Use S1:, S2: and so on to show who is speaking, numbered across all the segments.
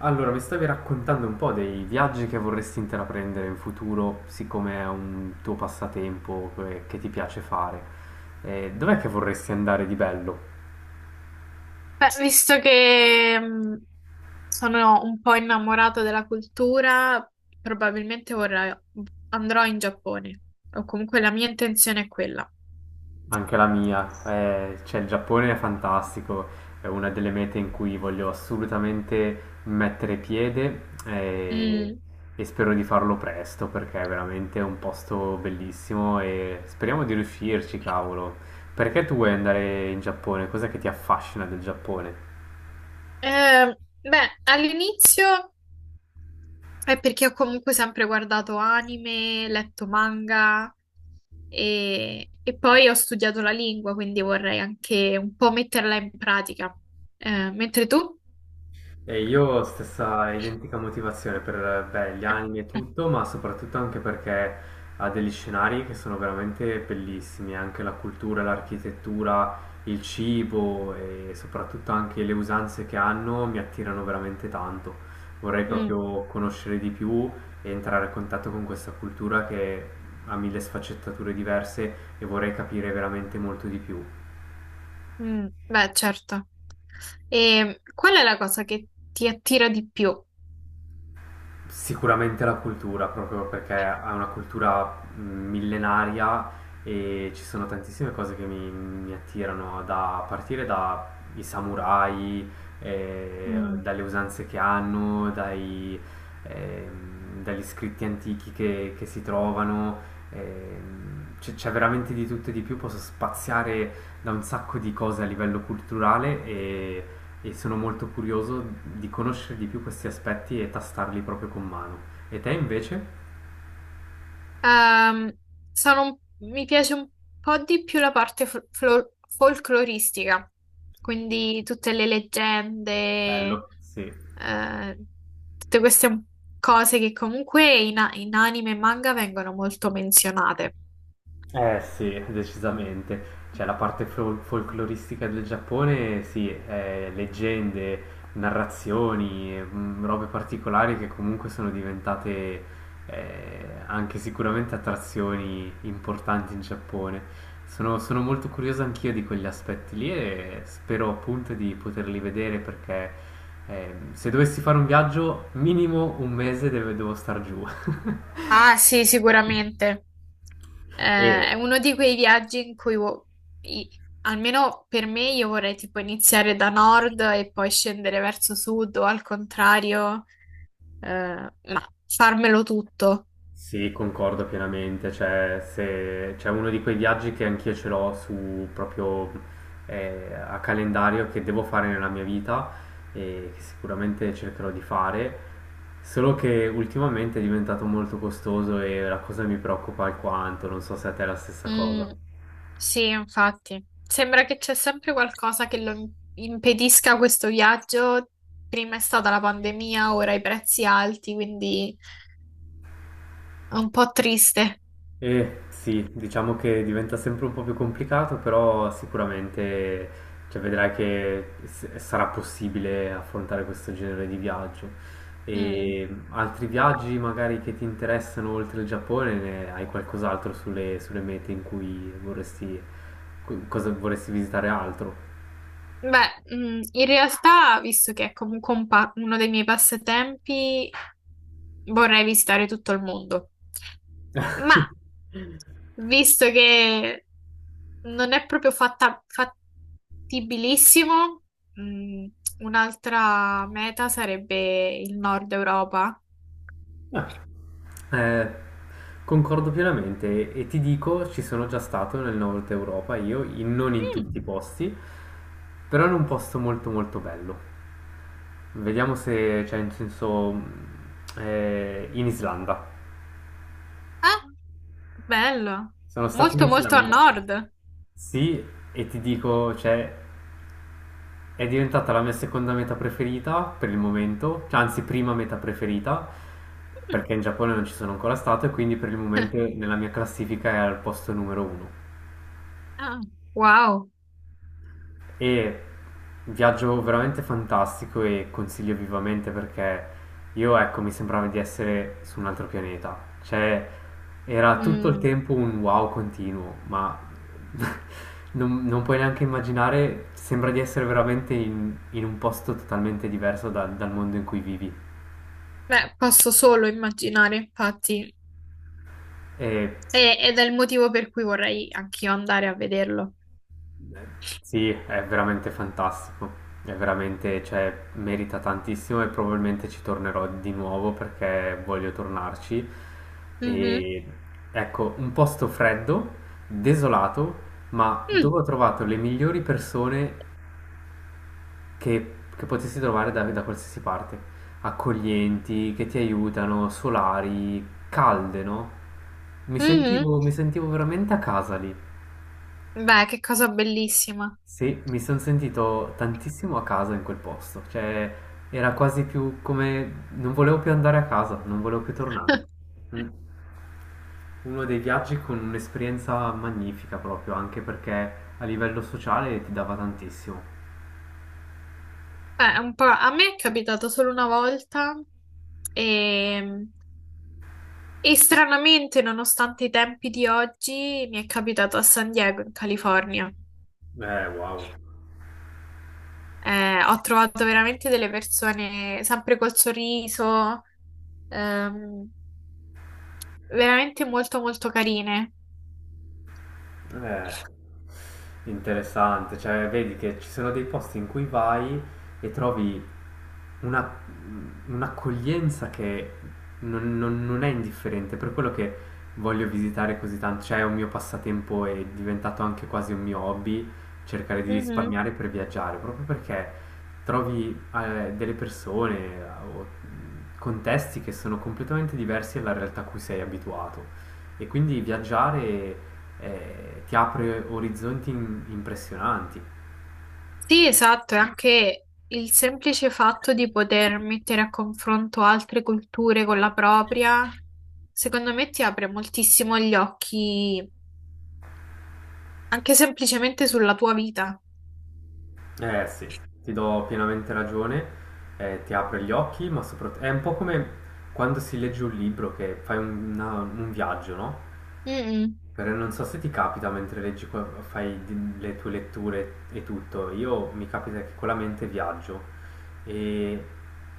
S1: Allora, mi stavi raccontando un po' dei viaggi che vorresti intraprendere in futuro, siccome è un tuo passatempo che ti piace fare. Dov'è che vorresti andare di bello?
S2: Beh, visto che sono un po' innamorata della cultura, probabilmente vorrei, andrò in Giappone, o comunque la mia intenzione è quella.
S1: Anche la mia. Cioè, il Giappone è fantastico, è una delle mete in cui voglio assolutamente mettere piede
S2: Mm.
S1: e spero di farlo presto perché è veramente un posto bellissimo e speriamo di riuscirci, cavolo. Perché tu vuoi andare in Giappone? Cos'è che ti affascina del Giappone?
S2: Beh, all'inizio è perché ho comunque sempre guardato anime, letto manga e poi ho studiato la lingua, quindi vorrei anche un po' metterla in pratica. Mentre tu?
S1: E io stessa identica motivazione per beh, gli anime e tutto, ma soprattutto anche perché ha degli scenari che sono veramente bellissimi, anche la cultura, l'architettura, il cibo e soprattutto anche le usanze che hanno mi attirano veramente tanto. Vorrei
S2: Mm,
S1: proprio conoscere di più e entrare a contatto con questa cultura che ha mille sfaccettature diverse e vorrei capire veramente molto di più.
S2: beh, certo. E qual è la cosa che ti attira di più?
S1: Sicuramente la cultura, proprio perché è una cultura millenaria e ci sono tantissime cose che mi attirano, da a partire dai samurai,
S2: Mm.
S1: dalle usanze che hanno, dai, dagli scritti antichi che si trovano. C'è veramente di tutto e di più, posso spaziare da un sacco di cose a livello culturale e sono molto curioso di conoscere di più questi aspetti e tastarli proprio con mano. E te invece?
S2: Ehm, mi piace un po' di più la parte folcloristica, quindi tutte le leggende,
S1: Bello. Sì.
S2: eh, tutte queste cose che comunque in anime e manga vengono molto menzionate.
S1: Eh sì, decisamente. Cioè la parte folcloristica del Giappone, sì, leggende, narrazioni, mm, robe particolari che comunque sono diventate anche sicuramente attrazioni importanti in Giappone. Sono molto curioso anch'io di quegli aspetti lì e spero appunto di poterli vedere perché se dovessi fare un viaggio, minimo un mese devo star giù.
S2: Ah, sì, sicuramente. Eh, è
S1: Eh,
S2: uno di quei viaggi in cui, i- almeno per me, io vorrei tipo iniziare da nord e poi scendere verso sud o al contrario, eh, ma farmelo tutto.
S1: sì, concordo pienamente, cioè se c'è uno di quei viaggi che anch'io ce l'ho su proprio a calendario che devo fare nella mia vita e che sicuramente cercherò di fare, solo che ultimamente è diventato molto costoso e la cosa mi preoccupa alquanto, non so se a te è la stessa cosa.
S2: Mm, sì, infatti. Sembra che c'è sempre qualcosa che lo impedisca questo viaggio. Prima è stata la pandemia, ora i prezzi alti, quindi è un po' triste.
S1: Eh sì, diciamo che diventa sempre un po' più complicato, però sicuramente cioè, vedrai che sarà possibile affrontare questo genere di viaggio.
S2: Mm.
S1: E altri viaggi magari che ti interessano oltre il Giappone, ne hai qualcos'altro sulle mete in cui vorresti, cosa vorresti visitare altro?
S2: Beh, in realtà, visto che è comunque uno dei miei passatempi, vorrei visitare tutto il mondo. Ma visto che non è proprio fattibilissimo, mm, un'altra meta sarebbe il nord Europa.
S1: Eh, concordo pienamente e ti dico, ci sono già stato nel nord Europa, io, non in
S2: Mm.
S1: tutti i posti, però in un posto molto molto bello. Vediamo se, cioè, in senso, in Islanda.
S2: Ah, bello.
S1: Sono stato in
S2: Molto, molto a
S1: Islanda.
S2: nord.
S1: Sì, e ti dico, cioè, è diventata la mia seconda meta preferita per il momento, cioè, anzi, prima meta preferita,
S2: Mm.
S1: perché in Giappone non ci sono ancora stato e quindi per il momento nella mia classifica è al posto numero uno.
S2: Ah, wow.
S1: E un viaggio veramente fantastico e consiglio vivamente perché io, ecco, mi sembrava di essere su un altro pianeta. Cioè, era tutto il
S2: Mm.
S1: tempo un wow continuo, ma non puoi neanche immaginare, sembra di essere veramente in un posto totalmente diverso dal mondo in cui vivi.
S2: Beh, posso solo immaginare, infatti.
S1: E
S2: E- ed è il motivo per cui vorrei anch'io andare a vederlo.
S1: sì, è veramente fantastico. È veramente, cioè, merita tantissimo e probabilmente ci tornerò di nuovo perché voglio tornarci.
S2: Mhm.
S1: E ecco, un posto freddo, desolato, ma
S2: Mm,
S1: dove ho trovato le migliori persone che potessi trovare da qualsiasi parte. Accoglienti, che ti aiutano, solari, calde, no? Mi
S2: mhm.
S1: sentivo, mi sentivo veramente a casa lì.
S2: Beh, che cosa bellissima.
S1: Sì, mi sono sentito tantissimo a casa in quel posto, cioè era quasi più come non volevo più andare a casa, non volevo più tornare. Mm. Uno dei viaggi con un'esperienza magnifica proprio, anche perché a livello sociale ti dava tantissimo.
S2: Beh, un po'... A me è capitato solo una volta e... e stranamente, nonostante i tempi di oggi, mi è capitato a San Diego, in California.
S1: Wow.
S2: Ho trovato veramente delle persone sempre col sorriso, ehm, veramente molto molto carine.
S1: Eh, interessante, cioè vedi che ci sono dei posti in cui vai e trovi una, un'accoglienza che non, non è indifferente, per quello che voglio visitare così tanto, cioè è un mio passatempo è diventato anche quasi un mio hobby, cercare di
S2: Mhm.
S1: risparmiare per viaggiare, proprio perché trovi delle persone o contesti che sono completamente diversi dalla realtà a cui sei abituato. E quindi viaggiare ti apre orizzonti impressionanti.
S2: Sì, esatto, e anche il semplice fatto di poter mettere a confronto altre culture con la propria, secondo me ti apre moltissimo gli occhi, anche semplicemente sulla tua vita.
S1: Eh sì. Ti do pienamente ragione, ti apre gli occhi, ma soprattutto è un po' come quando si legge un libro che fai un, un viaggio, no?
S2: Mm,
S1: Però non so se ti capita mentre leggi, le tue letture e tutto. Io mi capita che con la mente viaggio e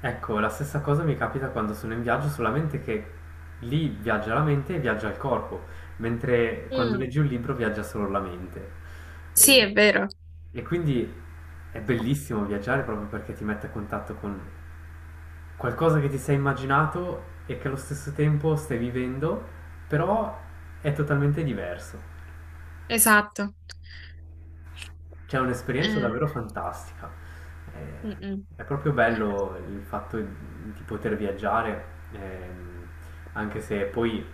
S1: ecco, la stessa cosa mi capita quando sono in viaggio, solamente che lì viaggia la mente e viaggia il corpo, mentre quando
S2: mm.
S1: leggi un libro viaggia solo la mente.
S2: Sì, è
S1: E,
S2: vero,
S1: e quindi è bellissimo viaggiare proprio perché ti mette a contatto con qualcosa che ti sei immaginato e che allo stesso tempo stai vivendo, però è totalmente diverso.
S2: esatto.
S1: Cioè, è un'esperienza
S2: Eh,
S1: davvero fantastica. Eh,
S2: mm, mm.
S1: È proprio bello il fatto di poter viaggiare, ehm, anche se poi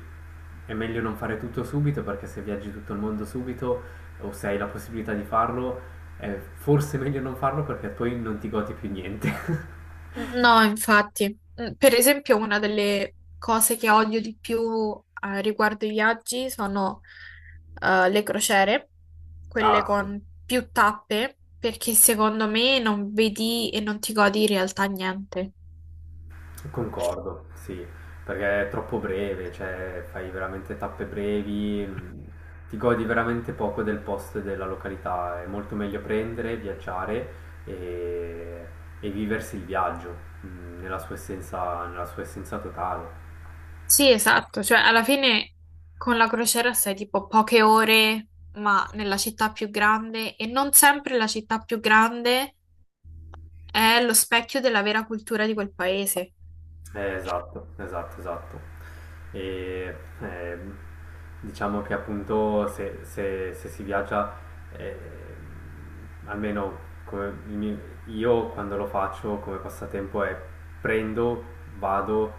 S1: è meglio non fare tutto subito, perché se viaggi tutto il mondo subito o se hai la possibilità di farlo, è forse meglio non farlo perché poi non ti godi più niente.
S2: No, infatti. Per esempio, una delle cose che odio di più riguardo i viaggi sono le crociere, quelle
S1: Ah, sì.
S2: con più tappe, perché secondo me non vedi e non ti godi in realtà niente.
S1: Concordo, sì, perché è troppo breve, cioè fai veramente tappe brevi, ti godi veramente poco del posto e della località, è molto meglio prendere, viaggiare e, e viversi il viaggio, nella sua essenza totale.
S2: Sì, esatto, cioè alla fine con la crociera stai tipo poche ore, ma nella città più grande, e non sempre la città più grande è lo specchio della vera cultura di quel paese.
S1: Esatto, esatto, esatto. E ehm, diciamo che appunto se, se si viaggia, ehm, almeno come il mio- io quando lo faccio come passatempo è prendo, vado,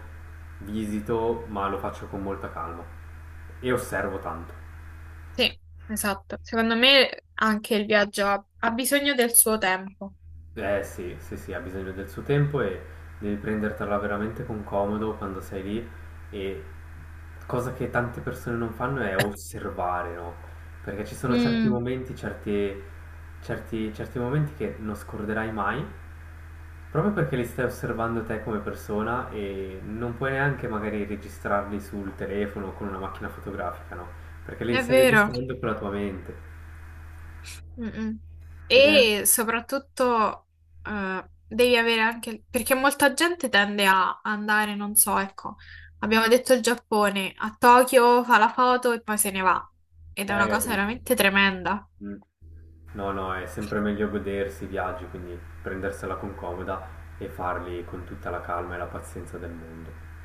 S1: visito, ma lo faccio con molta calma e osservo tanto.
S2: Sì, esatto. Secondo me anche il viaggio ha bisogno del suo tempo.
S1: Eh sì, sì, sì, ha bisogno del suo tempo e devi prendertela veramente con comodo quando sei lì e cosa che tante persone non fanno è osservare, no? Perché ci sono certi
S2: Mm,
S1: momenti, certi, certi momenti che non scorderai mai, proprio perché li stai osservando te come persona e non puoi neanche magari registrarli sul telefono o con una macchina fotografica, no? Perché li
S2: è
S1: stai
S2: vero.
S1: registrando con la tua mente
S2: Mm-mm.
S1: ed è
S2: E soprattutto devi avere anche... perché molta gente tende a andare, non so, ecco, abbiamo detto il Giappone, a Tokyo fa la foto e poi se ne va. Ed è una
S1: eh,
S2: cosa
S1: presente.
S2: veramente tremenda.
S1: Mm. No, no, è sempre meglio godersi i viaggi, quindi prendersela con comoda e farli con tutta la calma e la pazienza del mondo.